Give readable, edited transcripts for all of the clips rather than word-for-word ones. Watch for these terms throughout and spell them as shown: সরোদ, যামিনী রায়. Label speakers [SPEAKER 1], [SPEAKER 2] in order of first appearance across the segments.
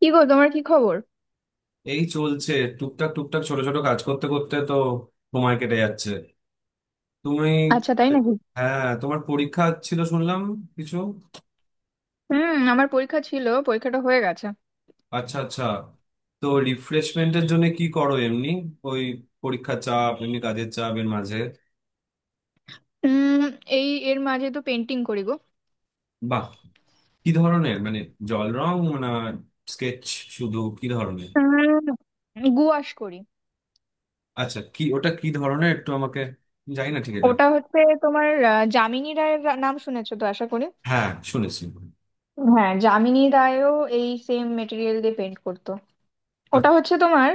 [SPEAKER 1] কি গো, তোমার কি খবর?
[SPEAKER 2] এই চলছে। টুকটাক টুকটাক, ছোট ছোট কাজ করতে করতে তো সময় কেটে যাচ্ছে। তুমি?
[SPEAKER 1] আচ্ছা, তাই নাকি?
[SPEAKER 2] হ্যাঁ, তোমার পরীক্ষা ছিল শুনলাম কিছু।
[SPEAKER 1] হুম, আমার পরীক্ষা ছিল, পরীক্ষাটা হয়ে গেছে।
[SPEAKER 2] আচ্ছা আচ্ছা। তো রিফ্রেশমেন্টের জন্য কি করো এমনি, ওই পরীক্ষার চাপ, এমনি কাজের চাপ এর মাঝে?
[SPEAKER 1] উম এই এর মাঝে তো পেন্টিং করি গো।
[SPEAKER 2] বাহ, কি ধরনের, মানে জল রং, না স্কেচ, শুধু কি ধরনের?
[SPEAKER 1] উম গুয়াশ করি।
[SPEAKER 2] আচ্ছা, কি ওটা, কি ধরনের একটু আমাকে, জানি না ঠিক এটা।
[SPEAKER 1] ওটা হচ্ছে তোমার, যামিনী রায়ের নাম শুনেছো তো আশা করি।
[SPEAKER 2] হ্যাঁ শুনেছি।
[SPEAKER 1] হ্যাঁ, যামিনী রায়ও এই সেম মেটেরিয়াল দিয়ে পেন্ট করতো। ওটা
[SPEAKER 2] আচ্ছা
[SPEAKER 1] হচ্ছে তোমার,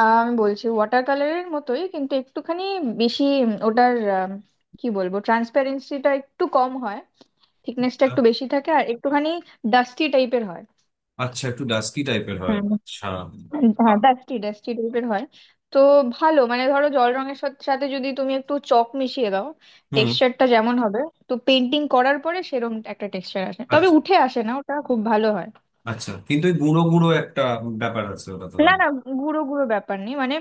[SPEAKER 1] আমি বলছি ওয়াটার কালারের মতোই কিন্তু একটুখানি বেশি, ওটার, কি বলবো, ট্রান্সপারেন্সিটা একটু কম হয়। থিকনেসটা একটু বেশি থাকে আর একটুখানি ডাস্টি টাইপের
[SPEAKER 2] আচ্ছা। একটু ডাস্কি টাইপের হয়?
[SPEAKER 1] হয়।
[SPEAKER 2] আচ্ছা।
[SPEAKER 1] হ্যাঁ, ডাস্টি ডাস্টি টাইপের হয়। তো ভালো, মানে ধরো জল রঙের সাথে সাথে যদি তুমি একটু চক মিশিয়ে দাও,
[SPEAKER 2] হুম।
[SPEAKER 1] টেক্সচারটা যেমন হবে, তো পেন্টিং করার পরে সেরকম একটা টেক্সচার আসে, তবে
[SPEAKER 2] আচ্ছা,
[SPEAKER 1] উঠে আসে না, ওটা খুব ভালো হয়।
[SPEAKER 2] আচ্ছা কিন্তু ওই গুঁড়ো গুঁড়ো একটা ব্যাপার আছে ওটা তো
[SPEAKER 1] না,
[SPEAKER 2] দাম।
[SPEAKER 1] না, গুঁড়ো গুঁড়ো ব্যাপার নেই, মানে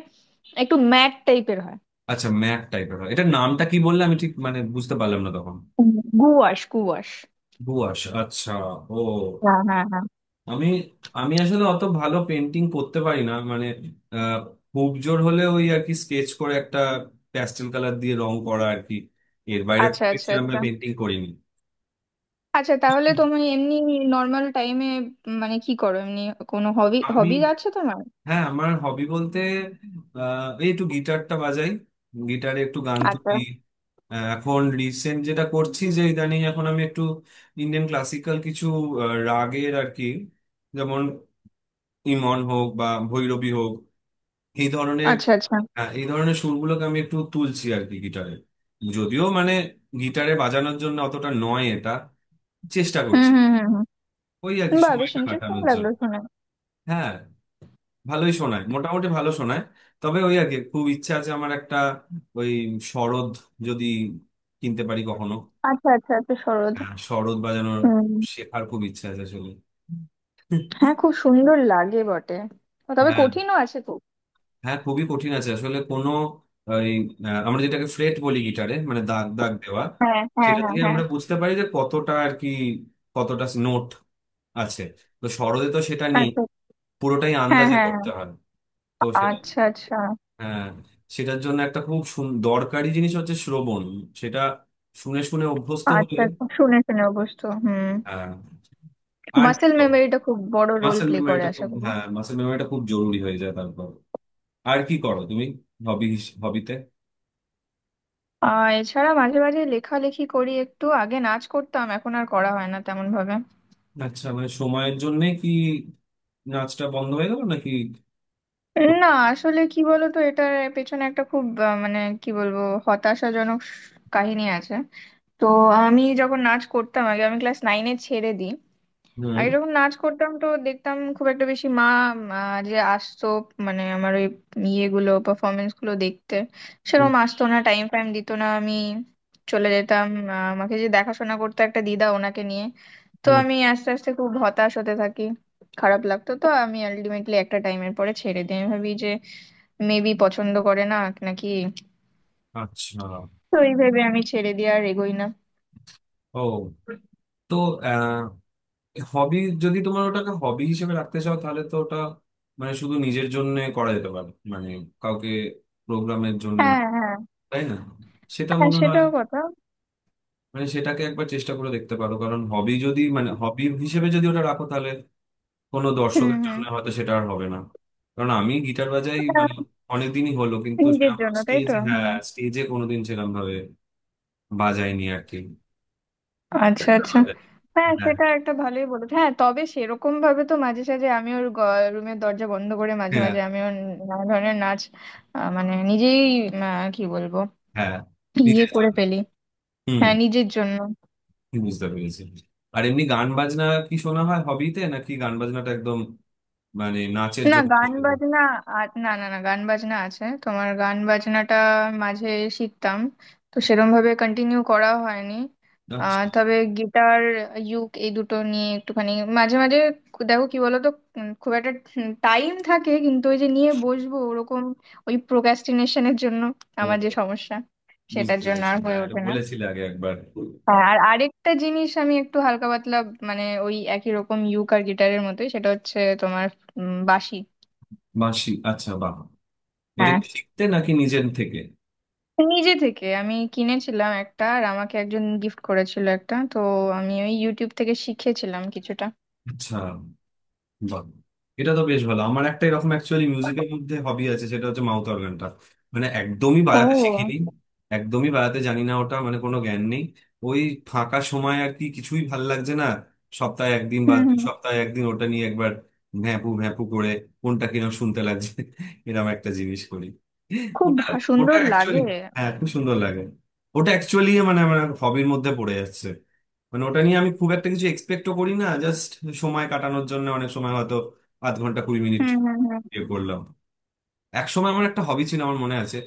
[SPEAKER 1] একটু ম্যাট টাইপের হয়।
[SPEAKER 2] আচ্ছা, ম্যাক টাইপের হয়। এটার নামটা কি বললে, আমি ঠিক মানে বুঝতে পারলাম না তখন।
[SPEAKER 1] হুম। Gouache, gouache.
[SPEAKER 2] দুয়াশ, আচ্ছা। ও।
[SPEAKER 1] হ্যাঁ, হ্যাঁ, হ্যাঁ।
[SPEAKER 2] আমি আমি আসলে অত ভালো পেন্টিং করতে পারি না, মানে আহ, খুব জোর হলে ওই আর কি স্কেচ করে একটা প্যাস্টেল কালার দিয়ে রং করা আর কি। এর বাইরে খুব
[SPEAKER 1] আচ্ছা, আচ্ছা,
[SPEAKER 2] বেশি আমরা
[SPEAKER 1] আচ্ছা।
[SPEAKER 2] পেন্টিং করিনি।
[SPEAKER 1] আচ্ছা,
[SPEAKER 2] তো
[SPEAKER 1] তাহলে তুমি এমনি নর্মাল টাইমে, মানে কি করো এমনি? কোনো হবি
[SPEAKER 2] আমি,
[SPEAKER 1] হবি আছে তোমার?
[SPEAKER 2] হ্যাঁ আমার হবি বলতে এই একটু গিটারটা বাজাই, গিটারে একটু গান
[SPEAKER 1] আচ্ছা,
[SPEAKER 2] তুলি। এখন রিসেন্ট যেটা করছি, যে ইদানিং এখন আমি একটু ইন্ডিয়ান ক্লাসিক্যাল কিছু রাগের আর কি, যেমন ইমন হোক বা ভৈরবী হোক, এই ধরনের।
[SPEAKER 1] আচ্ছা, আচ্ছা।
[SPEAKER 2] হ্যাঁ এই ধরনের সুরগুলোকে আমি একটু তুলছি আর কি গিটারে। যদিও মানে গিটারে বাজানোর জন্য অতটা নয়, এটা চেষ্টা
[SPEAKER 1] হুম,
[SPEAKER 2] করছি।
[SPEAKER 1] হুম, হুম,
[SPEAKER 2] ওই আর
[SPEAKER 1] হুম।
[SPEAKER 2] কি
[SPEAKER 1] বা, বেশ
[SPEAKER 2] সময়টা
[SPEAKER 1] ইন্টারেস্টিং
[SPEAKER 2] কাটানোর
[SPEAKER 1] লাগলো
[SPEAKER 2] জন্য।
[SPEAKER 1] শুনে।
[SPEAKER 2] হ্যাঁ, ভালোই শোনায়, মোটামুটি ভালো শোনায়। তবে ওই আগে খুব ইচ্ছা আছে আমার একটা, ওই সরোদ যদি কিনতে পারি কখনো।
[SPEAKER 1] আচ্ছা, আচ্ছা, আচ্ছা, সরোদ।
[SPEAKER 2] হ্যাঁ, সরোদ বাজানোর,
[SPEAKER 1] হুম।
[SPEAKER 2] শেখার খুব ইচ্ছা আছে আসলে।
[SPEAKER 1] হ্যাঁ, খুব সুন্দর লাগে বটে। তবে
[SPEAKER 2] হ্যাঁ,
[SPEAKER 1] কঠিনও আছে খুব।
[SPEAKER 2] হ্যাঁ খুবই কঠিন আছে আসলে। কোনো ওই আমরা যেটাকে ফ্রেট বলি গিটারে, মানে দাগ দাগ দেওয়া,
[SPEAKER 1] হ্যাঁ, হ্যাঁ,
[SPEAKER 2] সেটা
[SPEAKER 1] হ্যাঁ,
[SPEAKER 2] দিয়ে
[SPEAKER 1] হ্যাঁ।
[SPEAKER 2] আমরা বুঝতে পারি যে কতটা আর কি, কতটা নোট আছে। তো সরোদে তো সেটা নেই,
[SPEAKER 1] আচ্ছা।
[SPEAKER 2] পুরোটাই
[SPEAKER 1] হ্যাঁ,
[SPEAKER 2] আন্দাজে
[SPEAKER 1] হ্যাঁ, হ্যাঁ।
[SPEAKER 2] করতে হয়। তো
[SPEAKER 1] আচ্ছা আচ্ছা,
[SPEAKER 2] হ্যাঁ, সেটার জন্য একটা খুব দরকারি জিনিস হচ্ছে শ্রবণ। সেটা শুনে শুনে অভ্যস্ত হলে।
[SPEAKER 1] আচ্ছা। আচ্ছা, শুনে শুনে অবশ্য, হুম।
[SPEAKER 2] হ্যাঁ। আর কি
[SPEAKER 1] মাসেল
[SPEAKER 2] করো?
[SPEAKER 1] মেমোরিটা খুব বড় রোল
[SPEAKER 2] মাসেল
[SPEAKER 1] প্লে করে
[SPEAKER 2] মেমোরিটা
[SPEAKER 1] আশা
[SPEAKER 2] খুব,
[SPEAKER 1] করি।
[SPEAKER 2] হ্যাঁ মাসেল মেমোরিটা খুব জরুরি হয়ে যায় তারপর। আর কি করো তুমি, হবি, হবিতে?
[SPEAKER 1] আর এছাড়া মাঝে মাঝে লেখালেখি করি, একটু আগে নাচ করতাম, এখন আর করা হয় না তেমন ভাবে।
[SPEAKER 2] আচ্ছা, মানে সময়ের জন্য কি নাচটা বন্ধ হয়ে গেল নাকি?
[SPEAKER 1] না, আসলে কি বলতো, এটার পেছনে একটা খুব মানে কি বলবো, হতাশাজনক কাহিনী আছে। তো আমি যখন নাচ করতাম, আগে আমি ক্লাস নাইনে ছেড়ে দিই।
[SPEAKER 2] হুম
[SPEAKER 1] আগে যখন নাচ করতাম তো দেখতাম, খুব একটা বেশি মা যে আসতো, মানে আমার ওই ইয়েগুলো, পারফরমেন্স গুলো দেখতে
[SPEAKER 2] হুম
[SPEAKER 1] সেরকম আসতো না, টাইম ফাইম দিত না, আমি চলে যেতাম। আমাকে যে দেখাশোনা করতো একটা দিদা, ওনাকে নিয়ে। তো
[SPEAKER 2] হুম।
[SPEAKER 1] আমি আস্তে আস্তে খুব হতাশ হতে থাকি। খারাপ লাগতো, তো আমি আলটিমেটলি একটা টাইমের পরে ছেড়ে দিই। আমি ভাবি যে মেবি পছন্দ করে না নাকি।
[SPEAKER 2] আচ্ছা।
[SPEAKER 1] তো এই ভেবে আমি ছেড়ে দিয়ে আর এগোই না।
[SPEAKER 2] ও। তো আহ, হবি, যদি তোমার ওটাকে হবি হিসেবে রাখতে চাও তাহলে তো ওটা মানে শুধু নিজের জন্য করা যেতে পারে, মানে কাউকে, প্রোগ্রামের জন্য
[SPEAKER 1] হ্যাঁ,
[SPEAKER 2] না,
[SPEAKER 1] হ্যাঁ।
[SPEAKER 2] তাই না? সেটা
[SPEAKER 1] হ্যাঁ,
[SPEAKER 2] মনে হয়,
[SPEAKER 1] সেটাও কথা।
[SPEAKER 2] মানে সেটাকে একবার চেষ্টা করে দেখতে পারো, কারণ হবি যদি, মানে হবি হিসেবে যদি ওটা রাখো, তাহলে কোনো
[SPEAKER 1] হুম,
[SPEAKER 2] দর্শকের
[SPEAKER 1] হুম।
[SPEAKER 2] জন্য হয়তো সেটা আর হবে না। কারণ আমি গিটার বাজাই মানে
[SPEAKER 1] আহ,
[SPEAKER 2] অনেকদিনই হলো, কিন্তু
[SPEAKER 1] নিজের
[SPEAKER 2] সেরকম
[SPEAKER 1] জন্য, তাই তো,
[SPEAKER 2] স্টেজে,
[SPEAKER 1] হুম।
[SPEAKER 2] হ্যাঁ স্টেজে কোনোদিন সেরকম ভাবে বাজাইনি আর কি,
[SPEAKER 1] আচ্ছা,
[SPEAKER 2] একটা
[SPEAKER 1] আচ্ছা।
[SPEAKER 2] বাজাই।
[SPEAKER 1] হ্যাঁ,
[SPEAKER 2] হ্যাঁ
[SPEAKER 1] সেটা একটা ভালোই বলেছে, হ্যাঁ, তবে সেরকম ভাবে তো মাঝে সাঝে আমি ওর রুমের দরজা বন্ধ করে মাঝে
[SPEAKER 2] হ্যাঁ
[SPEAKER 1] মাঝে আমি ওর নানা ধরনের নাচ, মানে নিজেই, কি বলবো,
[SPEAKER 2] হ্যাঁ,
[SPEAKER 1] ইয়ে
[SPEAKER 2] নিজের
[SPEAKER 1] করে
[SPEAKER 2] জন্য।
[SPEAKER 1] ফেলি।
[SPEAKER 2] হুম,
[SPEAKER 1] হ্যাঁ, নিজের জন্য।
[SPEAKER 2] বুঝতে পেরেছি। আর এমনি গান বাজনা কি শোনা হয় হবিতে, নাকি গান বাজনাটা একদম মানে নাচের
[SPEAKER 1] না,
[SPEAKER 2] জন্য
[SPEAKER 1] গান
[SPEAKER 2] শুধু?
[SPEAKER 1] বাজনা, আর না, না, না, গান বাজনা আছে। তোমার গান বাজনাটা মাঝে শিখতাম, তো সেরম ভাবে কন্টিনিউ করা হয়নি।
[SPEAKER 2] নাচ।
[SPEAKER 1] তবে গিটার, ইউক, এই দুটো নিয়ে একটুখানি মাঝে মাঝে। দেখো কি বলতো, খুব একটা টাইম থাকে, কিন্তু ওই যে নিয়ে বসবো ওরকম, ওই প্রোক্রাস্টিনেশনের জন্য,
[SPEAKER 2] ও,
[SPEAKER 1] আমার যে সমস্যা,
[SPEAKER 2] বুঝতে
[SPEAKER 1] সেটার জন্য
[SPEAKER 2] পেরেছি।
[SPEAKER 1] আর হয়ে
[SPEAKER 2] হ্যাঁ, এটা
[SPEAKER 1] ওঠে না।
[SPEAKER 2] বলেছিলে আগে একবার।
[SPEAKER 1] হ্যাঁ, আর আরেকটা জিনিস আমি একটু হালকা পাতলা, মানে ওই একই রকম ইউক আর গিটারের মতোই, সেটা হচ্ছে তোমার বাঁশি।
[SPEAKER 2] বাঁশি, আচ্ছা বাহ। এটা
[SPEAKER 1] হ্যাঁ,
[SPEAKER 2] কি শিখতে নাকি নিজের থেকে?
[SPEAKER 1] নিজে থেকে আমি কিনেছিলাম একটা, আর আমাকে একজন গিফট করেছিল একটা, তো আমি ওই ইউটিউব থেকে শিখেছিলাম কিছুটা।
[SPEAKER 2] আচ্ছা। বাহ, এটা তো বেশ ভালো। আমার একটা এরকম অ্যাকচুয়ালি মিউজিকের মধ্যে হবি আছে, সেটা হচ্ছে মাউথ অর্গানটা। মানে একদমই বাজাতে
[SPEAKER 1] ও।
[SPEAKER 2] শিখিনি, একদমই বাজাতে জানি না ওটা, মানে কোনো জ্ঞান নেই। ওই ফাঁকা সময় আর কি কিছুই ভাল লাগছে না, সপ্তাহে একদিন বা
[SPEAKER 1] হুম,
[SPEAKER 2] দু
[SPEAKER 1] হুম।
[SPEAKER 2] সপ্তাহে একদিন ওটা নিয়ে একবার ভ্যাঁপু ভ্যাঁপু করে, কোনটা কিনা শুনতে লাগছে এরকম একটা জিনিস করি।
[SPEAKER 1] খুব
[SPEAKER 2] ওটা, ওটা
[SPEAKER 1] সুন্দর
[SPEAKER 2] অ্যাকচুয়ালি
[SPEAKER 1] লাগে।
[SPEAKER 2] হ্যাঁ খুব সুন্দর লাগে। ওটা অ্যাকচুয়ালি মানে আমার হবির মধ্যে পড়ে যাচ্ছে। মানে ওটা নিয়ে আমি খুব একটা কিছু এক্সপেক্টও করি না, জাস্ট সময় কাটানোর জন্য। অনেক সময় হয়তো আধ ঘন্টা কুড়ি মিনিট
[SPEAKER 1] হুম, হুম, হুম।
[SPEAKER 2] ইয়ে করলাম। এক সময় আমার একটা হবি ছিল, আমার মনে আছে।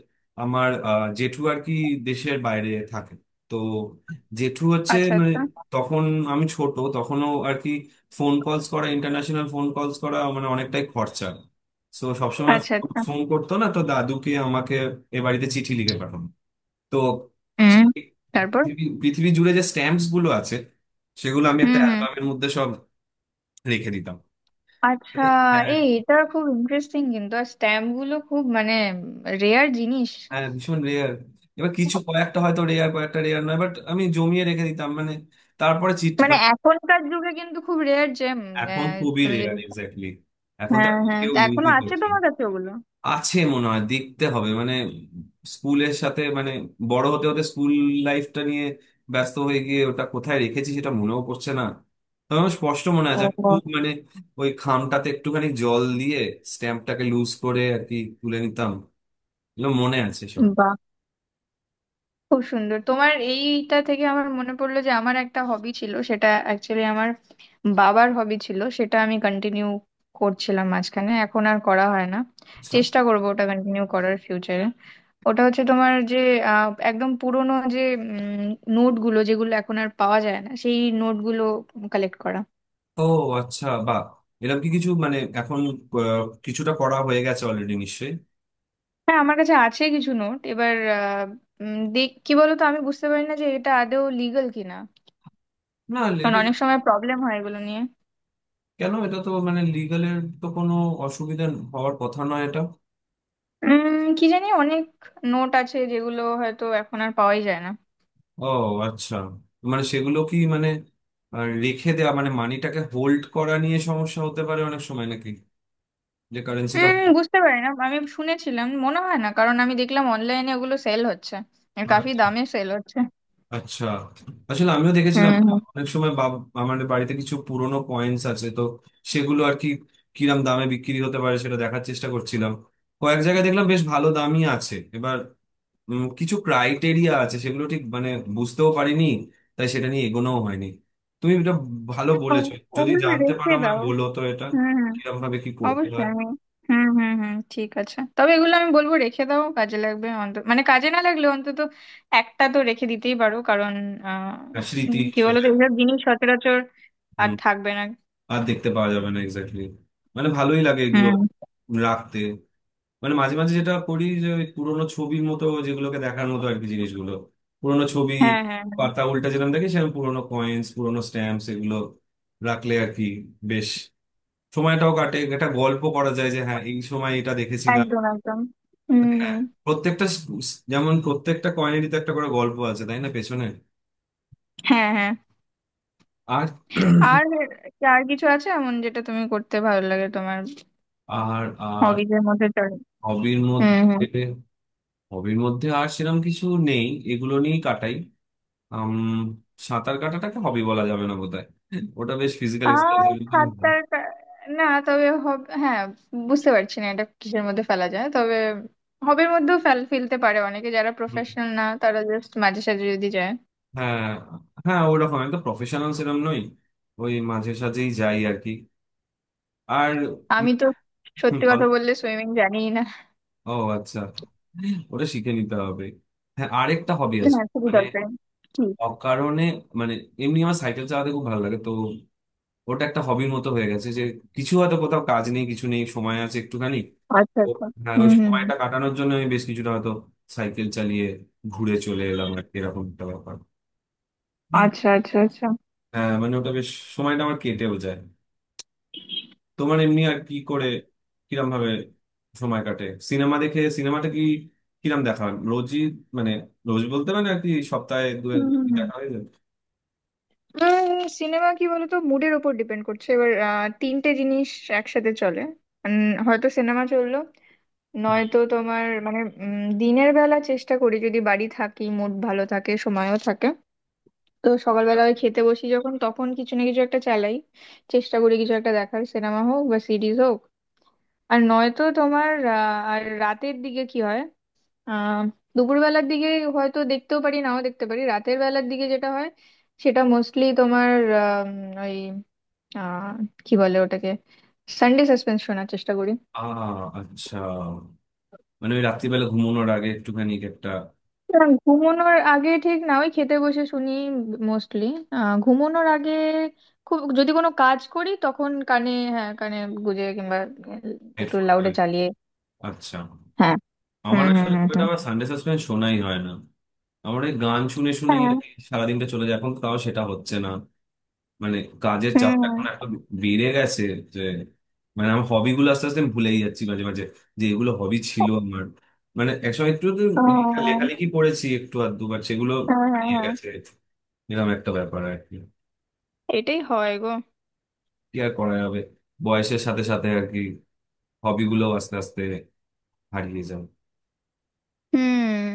[SPEAKER 2] আমার জেঠু আর কি দেশের বাইরে থাকে, তো জেঠু হচ্ছে
[SPEAKER 1] আচ্ছা,
[SPEAKER 2] মানে,
[SPEAKER 1] আচ্ছা,
[SPEAKER 2] তখন আমি ছোট তখনও আর কি, ফোন কলস করা, ইন্টারন্যাশনাল ফোন কলস করা মানে অনেকটাই খরচা। তো সবসময়
[SPEAKER 1] আচ্ছা। আচ্ছা।
[SPEAKER 2] ফোন করতো না, তো দাদুকে আমাকে এ বাড়িতে চিঠি লিখে পাঠানো। তো
[SPEAKER 1] হুম।
[SPEAKER 2] সে-
[SPEAKER 1] তারপর?
[SPEAKER 2] পৃথিবী জুড়ে যে স্ট্যাম্পস গুলো আছে সেগুলো আমি
[SPEAKER 1] হুম,
[SPEAKER 2] একটা
[SPEAKER 1] হুম।
[SPEAKER 2] অ্যালবামের মধ্যে সব রেখে দিতাম,
[SPEAKER 1] আচ্ছা।
[SPEAKER 2] মানে, হ্যাঁ।
[SPEAKER 1] এই, এটা খুব ইন্টারেস্টিং, কিন্তু আর স্ট্যাম্প গুলো খুব মানে রেয়ার জিনিস।
[SPEAKER 2] হ্যাঁ, ভীষণ রেয়ার। এবার কিছু কয়েকটা হয়তো রেয়ার, কয়েকটা রেয়ার নয়, বাট আমি জমিয়ে রেখে দিতাম। মানে তারপরে চিঠি
[SPEAKER 1] মানে
[SPEAKER 2] মানে,
[SPEAKER 1] এখনকার যুগে কিন্তু খুব রেয়ার যে,
[SPEAKER 2] এখন
[SPEAKER 1] আহ,
[SPEAKER 2] খুবই
[SPEAKER 1] তুমি যদি,
[SPEAKER 2] রেয়ার, এক্স্যাক্টলি। এখন
[SPEAKER 1] হ্যাঁ,
[SPEAKER 2] তার
[SPEAKER 1] হ্যাঁ,
[SPEAKER 2] কেউ
[SPEAKER 1] তা এখনো
[SPEAKER 2] ইউজই
[SPEAKER 1] আছে
[SPEAKER 2] করছে।
[SPEAKER 1] তোমার কাছে ওগুলো?
[SPEAKER 2] আছে মনে হয়, দেখতে হবে, মানে স্কুলের সাথে মানে বড় হতে হতে স্কুল লাইফটা নিয়ে ব্যস্ত হয়ে গিয়ে ওটা কোথায় রেখেছি সেটা মনেও পড়ছে না। তবে আমার স্পষ্ট মনে আছে, আমি
[SPEAKER 1] ও,
[SPEAKER 2] খুব মানে ওই খামটাতে একটুখানি জল দিয়ে স্ট্যাম্পটাকে লুজ করে আর কি তুলে নিতাম। এগুলো মনে আছে সব।
[SPEAKER 1] বাহ। খুব সুন্দর, তোমার এইটা থেকে আমার মনে পড়লো যে আমার একটা হবি ছিল, সেটা অ্যাকচুয়ালি আমার বাবার হবি ছিল, সেটা আমি কন্টিনিউ করছিলাম মাঝখানে, এখন আর করা হয় না।
[SPEAKER 2] আচ্ছা।
[SPEAKER 1] চেষ্টা করবো ওটা কন্টিনিউ করার ফিউচারে। ওটা হচ্ছে তোমার যে, একদম পুরোনো যে নোটগুলো, যেগুলো এখন আর পাওয়া যায় না, সেই নোটগুলো কালেক্ট করা।
[SPEAKER 2] ও। আচ্ছা বা এরকম কি কিছু মানে এখন, কিছুটা করা হয়ে গেছে অলরেডি নিশ্চয়ই?
[SPEAKER 1] হ্যাঁ, আমার কাছে আছে কিছু নোট, এবার দেখ কি বলতো, আমি বুঝতে পারি না যে এটা আদৌ লিগাল কিনা।
[SPEAKER 2] না,
[SPEAKER 1] কারণ
[SPEAKER 2] এটা
[SPEAKER 1] অনেক সময় প্রবলেম হয় এগুলো নিয়ে।
[SPEAKER 2] কেন, এটা তো মানে লিগালের তো কোনো অসুবিধা হওয়ার কথা নয় এটা।
[SPEAKER 1] কি জানি, অনেক নোট আছে যেগুলো হয়তো এখন আর পাওয়াই যায় না।
[SPEAKER 2] ও, আচ্ছা। মানে সেগুলো কি মানে আর রেখে দেওয়া, মানে মানিটাকে হোল্ড করা নিয়ে সমস্যা হতে পারে অনেক সময় নাকি, যে কারেন্সিটা?
[SPEAKER 1] বুঝতে পারি না, আমি শুনেছিলাম, মনে হয় না, কারণ আমি দেখলাম অনলাইনে ওগুলো সেল হচ্ছে, আর কাফি
[SPEAKER 2] আচ্ছা,
[SPEAKER 1] দামে সেল হচ্ছে।
[SPEAKER 2] আচ্ছা। আসলে আমিও দেখেছিলাম
[SPEAKER 1] হুম,
[SPEAKER 2] মানে
[SPEAKER 1] হুম।
[SPEAKER 2] অনেক সময় বাব, আমাদের বাড়িতে কিছু পুরনো কয়েন্স আছে তো, সেগুলো আর কি কিরাম দামে বিক্রি হতে পারে সেটা দেখার চেষ্টা করছিলাম। কয়েক জায়গায় দেখলাম বেশ ভালো দামই আছে। এবার কিছু ক্রাইটেরিয়া আছে, সেগুলো ঠিক মানে বুঝতেও পারিনি, তাই সেটা নিয়ে এগোনোও হয়নি। তুমি এটা ভালো বলেছো, যদি
[SPEAKER 1] ওগুলো
[SPEAKER 2] জানতে
[SPEAKER 1] রেখে
[SPEAKER 2] পারো আমায়
[SPEAKER 1] দাও।
[SPEAKER 2] বলো তো এটা
[SPEAKER 1] হুম, হুম।
[SPEAKER 2] কিরকম ভাবে কি করতে
[SPEAKER 1] অবশ্যই
[SPEAKER 2] হয়।
[SPEAKER 1] আমি। হুম, হুম, হুম, ঠিক আছে, তবে এগুলো আমি বলবো রেখে দাও, কাজে লাগবে অন্তত, মানে কাজে না লাগলে অন্তত একটা তো রেখে দিতেই পারো, কারণ আহ
[SPEAKER 2] হ্যাঁ, স্মৃতি
[SPEAKER 1] কি
[SPEAKER 2] হিসেবে।
[SPEAKER 1] বলতো, এইসব জিনিস সচরাচর আর
[SPEAKER 2] হুম,
[SPEAKER 1] থাকবে না।
[SPEAKER 2] আর দেখতে পাওয়া যাবে না, এক্স্যাক্টলি। মানে ভালোই লাগে এগুলো
[SPEAKER 1] হুম।
[SPEAKER 2] রাখতে। মানে মাঝে মাঝে যেটা করি, যে ওই পুরোনো ছবির মতো যেগুলোকে দেখার মতো আর কি জিনিসগুলো, পুরোনো ছবি
[SPEAKER 1] হ্যাঁ, হ্যাঁ।
[SPEAKER 2] পাতা উল্টা যেরকম দেখি, সেরকম পুরোনো কয়েন্স, পুরোনো স্ট্যাম্পস এগুলো রাখলে আর কি বেশ, সময়টাও কাটে, একটা গল্প করা যায় যে হ্যাঁ এই সময় এটা দেখেছিলাম।
[SPEAKER 1] একদম, একদম। হুম, হুম।
[SPEAKER 2] প্রত্যেকটা যেমন প্রত্যেকটা কয়েনেরই তো একটা করে গল্প আছে, তাই না, পেছনে।
[SPEAKER 1] হ্যাঁ, হ্যাঁ।
[SPEAKER 2] আর
[SPEAKER 1] আর কি, আর কিছু আছে এমন যেটা তুমি করতে ভালো লাগে, তোমার
[SPEAKER 2] আর আর,
[SPEAKER 1] হবিজ এর মধ্যে চলে?
[SPEAKER 2] হবির
[SPEAKER 1] হুম, হুম।
[SPEAKER 2] মধ্যে, হবির মধ্যে আর সেরকম কিছু নেই, এগুলো নিয়েই কাটাই। আম, সাঁতার কাটাটাকে হবি বলা যাবে না বোধহয়, ওটা বেশ ফিজিক্যাল এক্সারসাইজ।
[SPEAKER 1] আর সাঁতার না, তবে হ্যাঁ, বুঝতে পারছি না এটা কিসের মধ্যে ফেলা যায়, তবে হবির মধ্যেও ফেলতে পারে অনেকে, যারা প্রফেশনাল না তারা জাস্ট মাঝে সাঝে যদি যায়।
[SPEAKER 2] হ্যাঁ, হ্যাঁ ওরকম একদম প্রফেশনাল সেরকম নই, ওই মাঝে সাঝেই যাই আর কি।
[SPEAKER 1] আমি তো, সত্যি
[SPEAKER 2] আর,
[SPEAKER 1] কথা বললে, সুইমিং জানিই না।
[SPEAKER 2] ও, আচ্ছা। ওটা শিখে নিতে হবে। হ্যাঁ আরেকটা হবি আছে,
[SPEAKER 1] হ্যাঁ, খুবই
[SPEAKER 2] মানে
[SPEAKER 1] দরকারি। কি?
[SPEAKER 2] অকারণে মানে এমনি আমার সাইকেল চালাতে খুব ভালো লাগে তো। ওটা একটা হবির মতো হয়ে গেছে, যে কিছু হয়তো কোথাও কাজ নেই, কিছু নেই, সময় আছে একটুখানি,
[SPEAKER 1] আচ্ছা,
[SPEAKER 2] তো
[SPEAKER 1] আচ্ছা।
[SPEAKER 2] হ্যাঁ ওই
[SPEAKER 1] হুম, হুম, হুম।
[SPEAKER 2] সময়টা কাটানোর জন্য আমি বেশ কিছুটা হয়তো সাইকেল চালিয়ে ঘুরে চলে এলাম আর কি, এরকম একটা ব্যাপার।
[SPEAKER 1] আচ্ছা, আচ্ছা, আচ্ছা।
[SPEAKER 2] হ্যাঁ মানে ওটা বেশ, সময়টা আমার কেটেও যায়। তোমার এমনি আর কি করে, কিরম ভাবে সময় কাটে? সিনেমা দেখে, সিনেমাটা কি কিরম দেখা হয় রোজই, মানে রোজ বলতে মানে আর কি সপ্তাহে দু
[SPEAKER 1] হুম,
[SPEAKER 2] একবার
[SPEAKER 1] হুম,
[SPEAKER 2] কি
[SPEAKER 1] হুম।
[SPEAKER 2] দেখা হয়ে যায়?
[SPEAKER 1] সিনেমা কি বলতো, মুডের ওপর ডিপেন্ড করছে, এবার তিনটে জিনিস একসাথে চলে। হয়তো সিনেমা চললো, নয়তো তোমার মানে, দিনের বেলা চেষ্টা করি যদি বাড়ি থাকি, মুড ভালো থাকে, সময়ও থাকে। তো সকালবেলা ওই খেতে বসি যখন, তখন কিছু না কিছু একটা চালাই। চেষ্টা করি কিছু একটা দেখার, সিনেমা হোক বা সিরিজ হোক। আর নয়তো তোমার, আর রাতের দিকে কি হয়, আহ দুপুরবেলার দিকে হয়তো দেখতেও পারি, নাও দেখতে পারি, রাতের বেলার দিকে যেটা হয় সেটা মোস্টলি তোমার, আহ কি বলে ওটাকে, সানডে সাসপেন্স শোনার চেষ্টা করি।
[SPEAKER 2] আ, আচ্ছা। মানে ওই রাত্রিবেলা ঘুমানোর আগে একটুখানি একটা,
[SPEAKER 1] না, ঘুমানোর আগে ঠিক না, ওই খেতে বসে শুনি মোস্টলি। ঘুমানোর আগে খুব যদি কোনো কাজ করি, তখন কানে, হ্যাঁ কানে গুজে, কিংবা একটু
[SPEAKER 2] হেডফোন।
[SPEAKER 1] লাউডে চালিয়ে।
[SPEAKER 2] আচ্ছা।
[SPEAKER 1] হ্যাঁ।
[SPEAKER 2] আমার
[SPEAKER 1] হুম, হুম,
[SPEAKER 2] আসলে
[SPEAKER 1] হুম,
[SPEAKER 2] খুব একটা,
[SPEAKER 1] হুম।
[SPEAKER 2] আমার সানডে সাসপেন্স শোনাই হয় না। আমার এই গান শুনে শুনেই
[SPEAKER 1] হ্যাঁ।
[SPEAKER 2] আর কি সারাদিনটা চলে যায়, এখন তো তাও সেটা হচ্ছে না। মানে কাজের
[SPEAKER 1] হুম,
[SPEAKER 2] চাপটা
[SPEAKER 1] হুম।
[SPEAKER 2] এখন এত বেড়ে গেছে যে, মানে আমার হবি গুলো আস্তে আস্তে আমি ভুলেই যাচ্ছি, মাঝে মাঝে যে এগুলো হবি
[SPEAKER 1] ও,
[SPEAKER 2] ছিল আমার। মানে একসময় একটু তো লেখা
[SPEAKER 1] হ্যাঁ,
[SPEAKER 2] লেখালেখি পড়েছি একটু আর দুবার, সেগুলো
[SPEAKER 1] হ্যাঁ, হ্যাঁ, হ্যাঁ,
[SPEAKER 2] হারিয়ে
[SPEAKER 1] হ্যাঁ।
[SPEAKER 2] গেছে, এরকম একটা ব্যাপার আর কি।
[SPEAKER 1] এটাই হয় গো।
[SPEAKER 2] কি আর করা যাবে, বয়সের সাথে সাথে আর কি হবি গুলো আস্তে আস্তে হারিয়ে যাবে।
[SPEAKER 1] হুম।